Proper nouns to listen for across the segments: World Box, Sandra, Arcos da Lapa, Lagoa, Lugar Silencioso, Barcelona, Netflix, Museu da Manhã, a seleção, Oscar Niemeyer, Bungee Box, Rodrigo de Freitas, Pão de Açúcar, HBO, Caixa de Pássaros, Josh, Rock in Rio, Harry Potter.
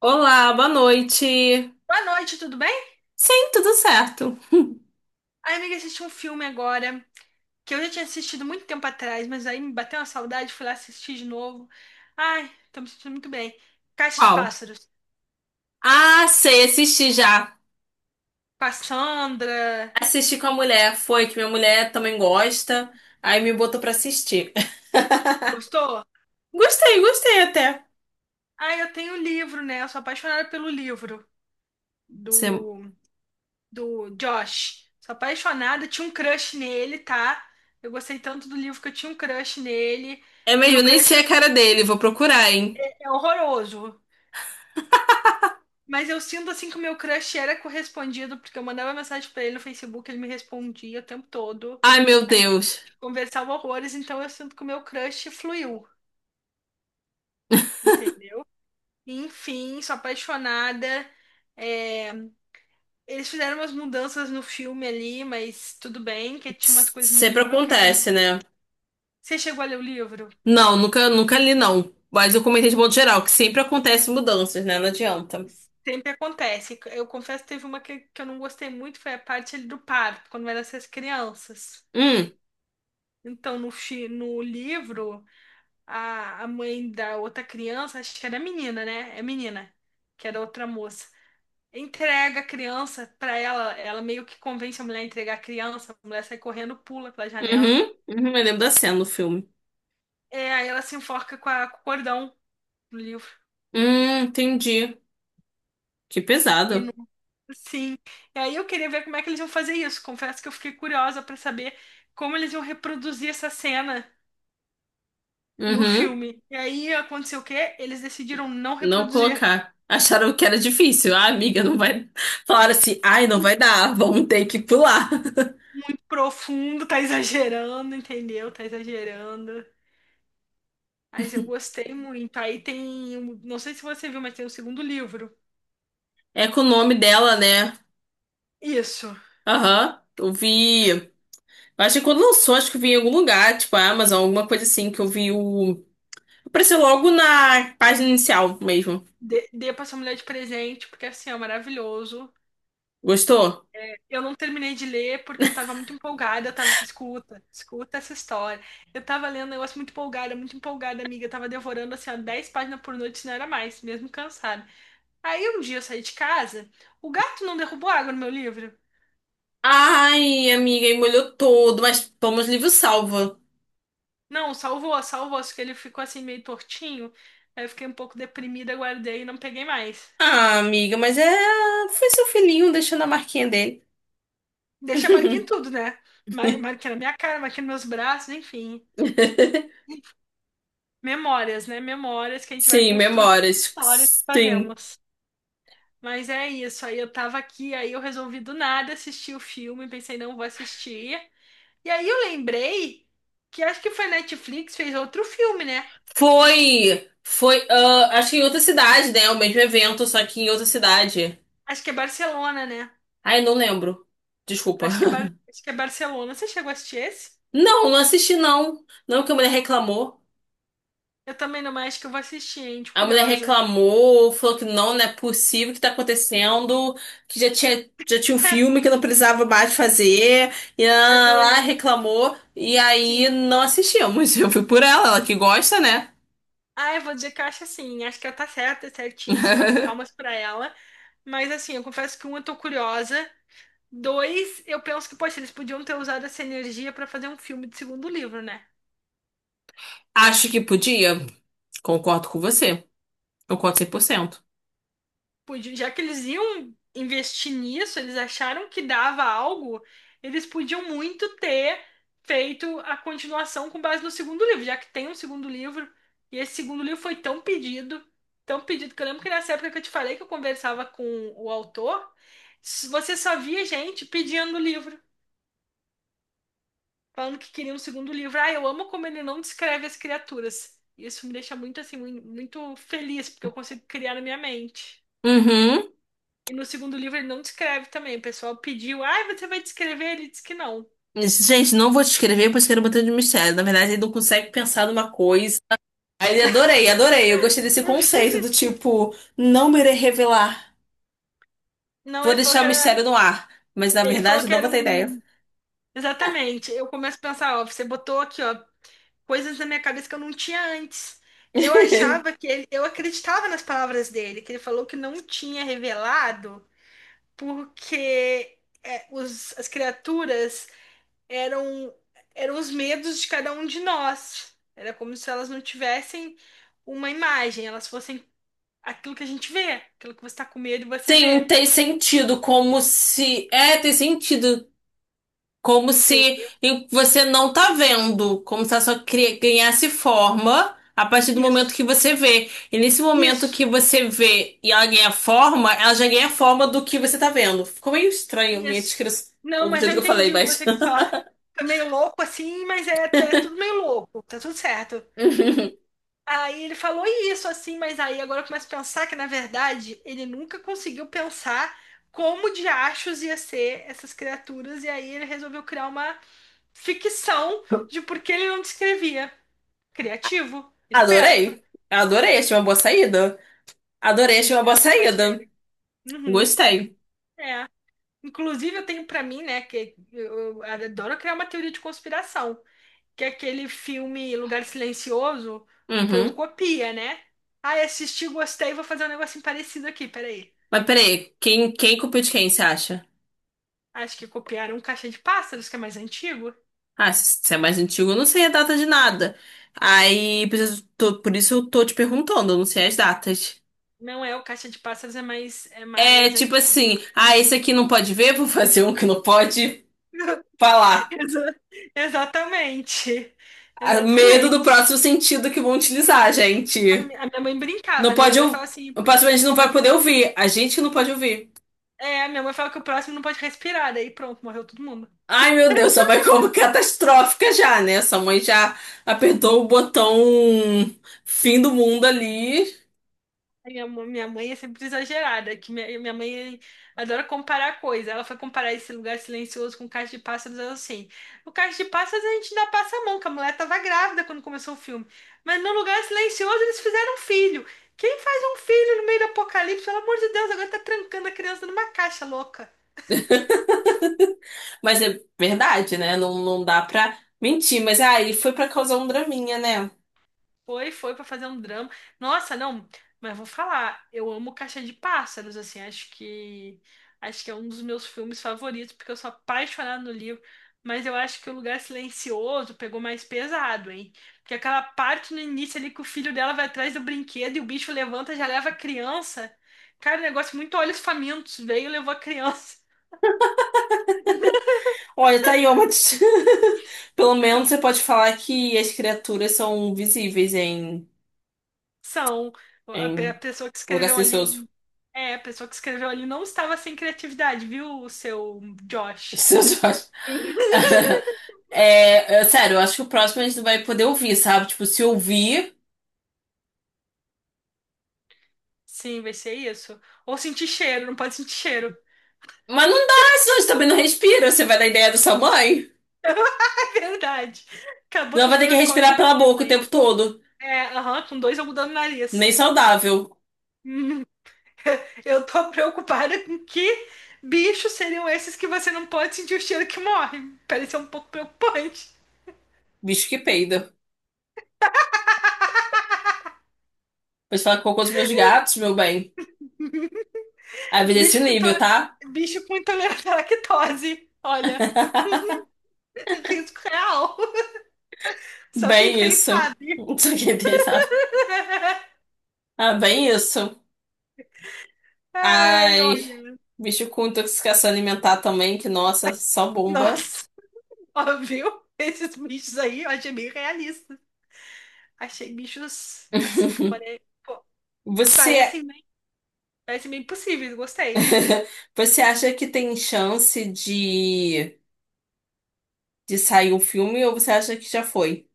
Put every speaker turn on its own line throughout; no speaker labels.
Olá, boa noite.
Boa noite, tudo bem?
Sim, tudo certo.
A amiga assistiu um filme agora que eu já tinha assistido muito tempo atrás, mas aí me bateu uma saudade, fui lá assistir de novo. Ai, tô me sentindo muito bem. Caixa de
Qual?
Pássaros,
Ah, sei, assisti já.
com a Sandra.
Assisti com a mulher, foi que minha mulher também gosta, aí me botou pra assistir.
Gostou?
Gostei, gostei até.
Ai, eu tenho o livro, né? Eu sou apaixonada pelo livro
Você-
do, do Josh. Sou apaixonada, tinha um crush nele, tá? Eu gostei tanto do livro que eu tinha um crush nele.
É
E o meu
mesmo, nem
crush
sei a cara dele, vou procurar, hein?
é horroroso. Mas eu sinto assim que o meu crush era correspondido, porque eu mandava mensagem pra ele no Facebook, ele me respondia o tempo todo.
Ai, meu
A gente
Deus.
conversava horrores, então eu sinto que o meu crush fluiu, entende? Enfim, sou apaixonada. É, eles fizeram umas mudanças no filme ali, mas tudo bem, que tinha umas coisas no
Sempre
livro que eram.
acontece, né?
Você chegou a ler o livro?
Não, nunca li, não. Mas eu comentei de modo geral, que sempre acontecem mudanças, né? Não adianta.
Sempre acontece. Eu confesso que teve uma que eu não gostei muito, foi a parte ali do parto, quando vai nascer as crianças.
Hum,
Então, no livro. A mãe da outra criança, acho que era menina, né? É menina, que era outra moça. Entrega a criança pra ela, ela meio que convence a mulher a entregar a criança, a mulher sai correndo, pula pela janela.
uhum, uhum, eu lembro da cena no filme.
É, aí ela se enforca com, com o cordão do livro.
Entendi. Que
E
pesado.
não, sim. E aí eu queria ver como é que eles iam fazer isso. Confesso que eu fiquei curiosa pra saber como eles iam reproduzir essa cena no
Uhum.
filme. E aí aconteceu o quê? Eles decidiram não
Não
reproduzir.
colocar. Acharam que era difícil. Ah, amiga, não vai. Falaram assim, ai, não vai dar, vamos ter que pular.
Profundo, tá exagerando, entendeu? Tá exagerando. Mas eu gostei muito. Aí tem, não sei se você viu, mas tem o segundo livro.
É com o nome dela, né?
Isso.
Aham. Eu vi. Eu Acho que quando lançou, acho que eu vi em algum lugar, tipo a Amazon, alguma coisa assim, que eu vi o. Apareceu logo na página inicial mesmo.
Dê pra sua mulher de presente, porque assim, é maravilhoso.
Gostou?
Eu não terminei de ler porque eu tava muito empolgada. Eu tava, escuta, escuta essa história. Eu tava lendo um negócio muito empolgada, amiga. Eu tava devorando assim, ó, 10 páginas por noite, se não era mais, mesmo cansada. Aí um dia eu saí de casa, o gato não derrubou água no meu livro.
Ai, amiga, e molhou todo, mas toma os livros salva.
Não, salvou, salvou, só que ele ficou assim meio tortinho. Aí eu fiquei um pouco deprimida, guardei e não peguei mais.
Ah, amiga, mas é. Foi seu filhinho deixando a marquinha dele.
Deixa a marquinha em tudo, né? Marquinha na minha cara, marquinha nos meus braços, enfim. Memórias, né? Memórias que a gente vai
Sim,
construir
memórias.
histórias que
Sim.
fazemos. Mas é isso, aí eu tava aqui, aí eu resolvi do nada assistir o filme, pensei, não vou assistir. E aí eu lembrei que acho que foi a Netflix fez outro filme, né?
Foi, foi, acho que em outra cidade, né? O mesmo evento, só que em outra cidade.
Acho que é Barcelona, né?
Ai, não lembro. Desculpa.
Acho que é, acho que é Barcelona. Você chegou a assistir esse?
Não, não assisti não. Não que a mulher reclamou.
Eu também não, mas acho que eu vou assistir, hein? De
A mulher
curiosa.
reclamou, falou que não, não é possível o que tá acontecendo, que já tinha um filme que não precisava mais fazer, e lá,
Adorei.
reclamou, e aí
Sim.
não assistimos. Eu fui por ela, ela que gosta, né?
Ah, eu vou dizer que eu acho assim, acho que ela tá certa, certíssima, palmas pra ela. Mas assim, eu confesso que um, eu tô curiosa. Dois, eu penso que, poxa, eles podiam ter usado essa energia pra fazer um filme de segundo livro, né?
Acho que podia. Concordo com você. Concordo 100%.
Já que eles iam investir nisso, eles acharam que dava algo, eles podiam muito ter feito a continuação com base no segundo livro, já que tem um segundo livro, e esse segundo livro foi tão pedido, que eu lembro que nessa época que eu te falei que eu conversava com o autor, você só via gente pedindo o livro, falando que queria um segundo livro. Ah, eu amo como ele não descreve as criaturas. Isso me deixa muito assim, muito feliz, porque eu consigo criar na minha mente.
Uhum.
E no segundo livro ele não descreve também. O pessoal pediu, ai, você vai descrever? Ele disse que não.
Isso, gente, não vou te escrever, pois quero botar de mistério. Na verdade, ele não consegue pensar numa coisa. Aí ele adorei, adorei. Eu gostei desse conceito do tipo, não me irei revelar.
Não,
Vou
ele falou
deixar
que
o
era.
mistério no ar. Mas na
Ele falou
verdade,
que
não
era
vou ter ideia.
um. Exatamente. Eu começo a pensar, ó, você botou aqui, ó, coisas na minha cabeça que eu não tinha antes. Eu achava que ele. Eu acreditava nas palavras dele, que ele falou que não tinha revelado, porque é, as criaturas eram, eram os medos de cada um de nós. Era como se elas não tivessem uma imagem, elas fossem aquilo que a gente vê, aquilo que você está com medo e você vê.
Sim, tem sentido, como se. É, tem sentido. Como se
Entende?
e você não tá vendo, como se ela só cri- ganhasse forma a partir do momento
Isso,
que você vê. E nesse momento
isso,
que você vê e ela ganha forma, ela já ganha forma do que você tá vendo. Ficou meio estranho minha
isso.
descrição,
Não,
do
mas
jeito
eu
que eu falei,
entendi o que
mas.
você quis falar. Tá meio louco assim, mas é, é tudo meio louco, tá tudo certo. Aí ele falou isso assim, mas aí agora eu começo a pensar que na verdade ele nunca conseguiu pensar como de achos ia ser essas criaturas, e aí ele resolveu criar uma ficção de por que ele não descrevia. Criativo, esperto.
Adorei. Adorei, achei uma boa saída. Adorei,
Achei
achei uma boa
esperto da parte
saída.
dele. Uhum,
Gostei.
é. Inclusive, eu tenho pra mim, né, que eu adoro criar uma teoria de conspiração, que aquele filme Lugar Silencioso foi um
Uhum.
copia, né? Ah, assisti, gostei, vou fazer um negocinho parecido aqui, peraí.
Mas peraí, quem culpou de quem, você acha?
Acho que copiaram o Caixa de Pássaros, que é mais antigo.
Ah, se é mais antigo, eu não sei a data de nada. Aí, por isso, tô- por isso eu tô te perguntando, eu não sei as datas.
Não é, o Caixa de Pássaros é
É
mais
tipo
antigo.
assim, esse aqui não pode ver, vou fazer um que não pode falar.
Exa- Exatamente.
Ah, medo do
Exatamente.
próximo sentido que vão utilizar, gente.
A minha mãe
Não
brincava, né? Minha
pode
mãe
ouvir.
fala assim,
O próximo a gente não
minha
vai
mãe-
poder ouvir. A gente que não pode ouvir.
é, minha mãe fala que o próximo não pode respirar, daí pronto, morreu todo mundo.
Ai, meu Deus, só vai como catastrófica já, né? Sua mãe já apertou o botão fim do mundo ali.
Minha mãe é sempre exagerada, que minha mãe adora comparar coisas. Ela foi comparar esse lugar silencioso com Caixa de Pássaros, ela assim. No Caixa de Pássaros a gente ainda passa a mão, que a mulher tava grávida quando começou o filme. Mas no lugar silencioso eles fizeram um filho. Quem faz um filho no meio do apocalipse? Pelo amor de Deus, agora tá trancando a criança numa caixa louca.
Mas é verdade, né? Não, não dá pra mentir. Mas aí foi pra causar um draminha, né?
Foi, foi pra fazer um drama. Nossa, não, mas vou falar, eu amo Caixa de Pássaros, assim, acho que é um dos meus filmes favoritos, porque eu sou apaixonada no livro, mas eu acho que o Lugar Silencioso pegou mais pesado, hein? Porque aquela parte no início ali que o filho dela vai atrás do brinquedo e o bicho levanta, já leva a criança. Cara, um negócio muito olhos famintos, veio e levou a criança.
Olha, tá aí, ó, mas pelo menos você pode falar que as criaturas são visíveis em,
São a
em
pessoa que
um lugar
escreveu
silencioso.
ali, é, a pessoa que escreveu ali não estava sem criatividade, viu, o seu Josh?
Silencioso. É, sério, eu acho que o próximo a gente não vai poder ouvir, sabe? Tipo, se ouvir.
Sim, vai ser isso. Ou sentir cheiro, não pode sentir cheiro.
Mas não dá, senão a gente também não respira. Você vai dar ideia da sua mãe.
É verdade. Acabou
Não
que eu
vai ter
fui
que
nas
respirar
cordas da
pela
minha
boca o
mãe.
tempo todo.
É, aham, com dois eu mudando o
Nem
nariz.
saudável.
Hum, eu tô preocupada com que bichos seriam esses que você não pode sentir o cheiro que morre. Parece um pouco preocupante.
Bicho que peida. Pode falar com cocô dos meus gatos, meu bem. A vida é esse
Bicho com,
nível, tá?
bicho com intolerância à lactose. Olha, risco real. Só quem
Bem
tem
isso.
sabe.
Não sei o que tem, sabe? Ah, bem isso.
Ai,
Ai,
olha.
bicho com intoxicação alimentar também, que nossa, só bomba.
Nossa. Ó, viu? Esses bichos aí eu achei bem realista. Achei bichos assim, que pare... pô,
Você,
parecem bem... parecem bem possíveis, gostei.
você acha que tem chance de sair um filme ou você acha que já foi?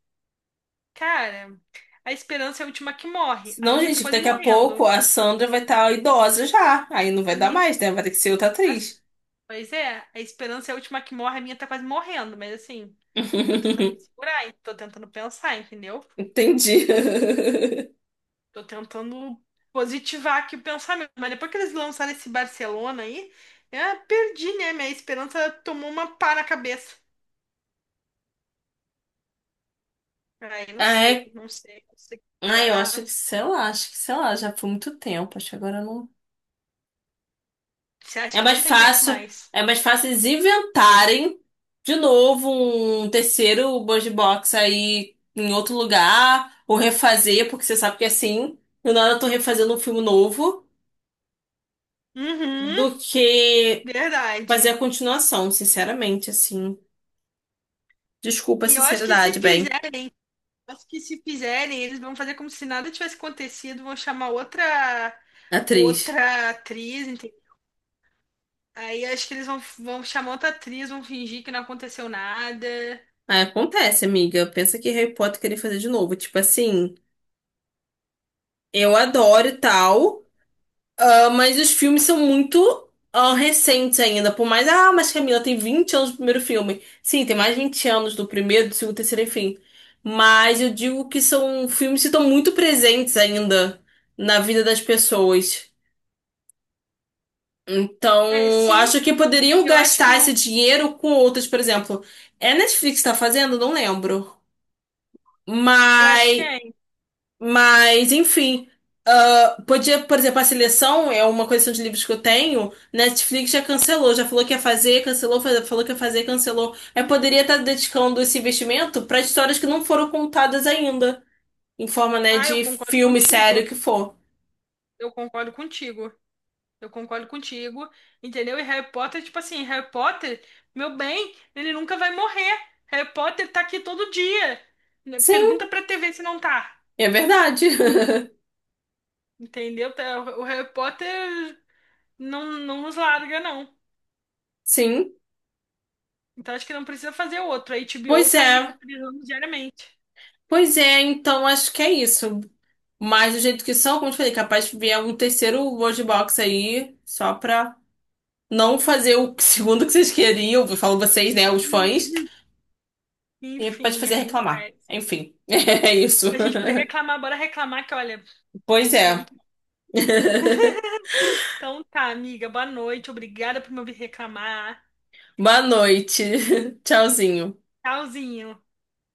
Cara, a esperança é a última que morre. A
Não,
minha tá
gente, que
quase
daqui a
morrendo.
pouco a Sandra
A
vai estar idosa já. Aí não vai dar
minha.
mais, né? Vai ter que ser outra
Assim,
atriz.
pois é, a esperança é a última que morre, a minha tá quase morrendo, mas assim, tô tentando me segurar, hein? Tô tentando pensar, entendeu?
Entendi.
Tô tentando positivar aqui o pensamento. Mas depois que eles lançaram esse Barcelona aí, eu perdi, né? Minha esperança tomou uma pá na cabeça. Aí não
Ah,
sei,
é?
não sei
Ah, eu acho que,
considerar.
sei lá, acho que, sei lá, já foi muito tempo. Acho que agora não.
Você acha
É
que
mais
não tem jeito
fácil,
mais?
é mais fácil eles inventarem de novo um terceiro Bungee Box aí em outro lugar, ou refazer, porque você sabe que é assim, e na hora eu tô refazendo um filme novo,
Uhum,
do que fazer
verdade.
a continuação, sinceramente, assim. Desculpa a
E eu acho que
sinceridade,
se
bem,
fizerem, eu acho que se fizerem, eles vão fazer como se nada tivesse acontecido, vão chamar
atriz.
outra atriz, entende? Aí acho que eles vão, vão chamar outra atriz, vão fingir que não aconteceu nada.
Ah, acontece, amiga. Pensa que Harry Potter queria fazer de novo. Tipo assim, eu adoro e tal. Ah, mas os filmes são muito recentes ainda. Por mais, mas Camila tem 20 anos do primeiro filme. Sim, tem mais de 20 anos do primeiro, do segundo, terceiro, enfim. Mas eu digo que são filmes que estão muito presentes ainda na vida das pessoas.
É,
Então,
sim,
acho que poderiam
e eu acho que
gastar esse
não,
dinheiro com outras, por exemplo. É a Netflix que tá fazendo? Não lembro.
eu acho que
Mas
é.
Enfim, podia, por exemplo, a seleção é uma coleção de livros que eu tenho. Netflix já cancelou, já falou que ia fazer, cancelou, falou que ia fazer, cancelou. Eu poderia estar dedicando esse investimento para histórias que não foram contadas ainda, em forma, né,
Ah, eu
de
concordo
filme, série,
contigo.
o que for.
Eu concordo contigo. Eu concordo contigo, entendeu? E Harry Potter, tipo assim, Harry Potter, meu bem, ele nunca vai morrer. Harry Potter tá aqui todo dia. Né?
Sim,
Pergunta pra TV se não tá.
é verdade.
Entendeu? O Harry Potter não, não nos larga, não.
Sim,
Então acho que não precisa fazer outro. A HBO
pois
tá aí
é.
reprisando diariamente.
Pois é, então acho que é isso. Mas do jeito que são, como eu te falei, capaz de vier um terceiro World Box aí, só pra. Não fazer o segundo que vocês queriam, eu falo vocês, né, os fãs,
Hum.
e pode
Enfim,
fazer reclamar.
acontece.
Enfim, é isso.
Pra gente poder reclamar, bora reclamar, que olha,
Pois
reclamar é
é.
muito bom. Então tá, amiga, boa noite. Obrigada por me ouvir reclamar.
Boa noite. Tchauzinho.
Tchauzinho.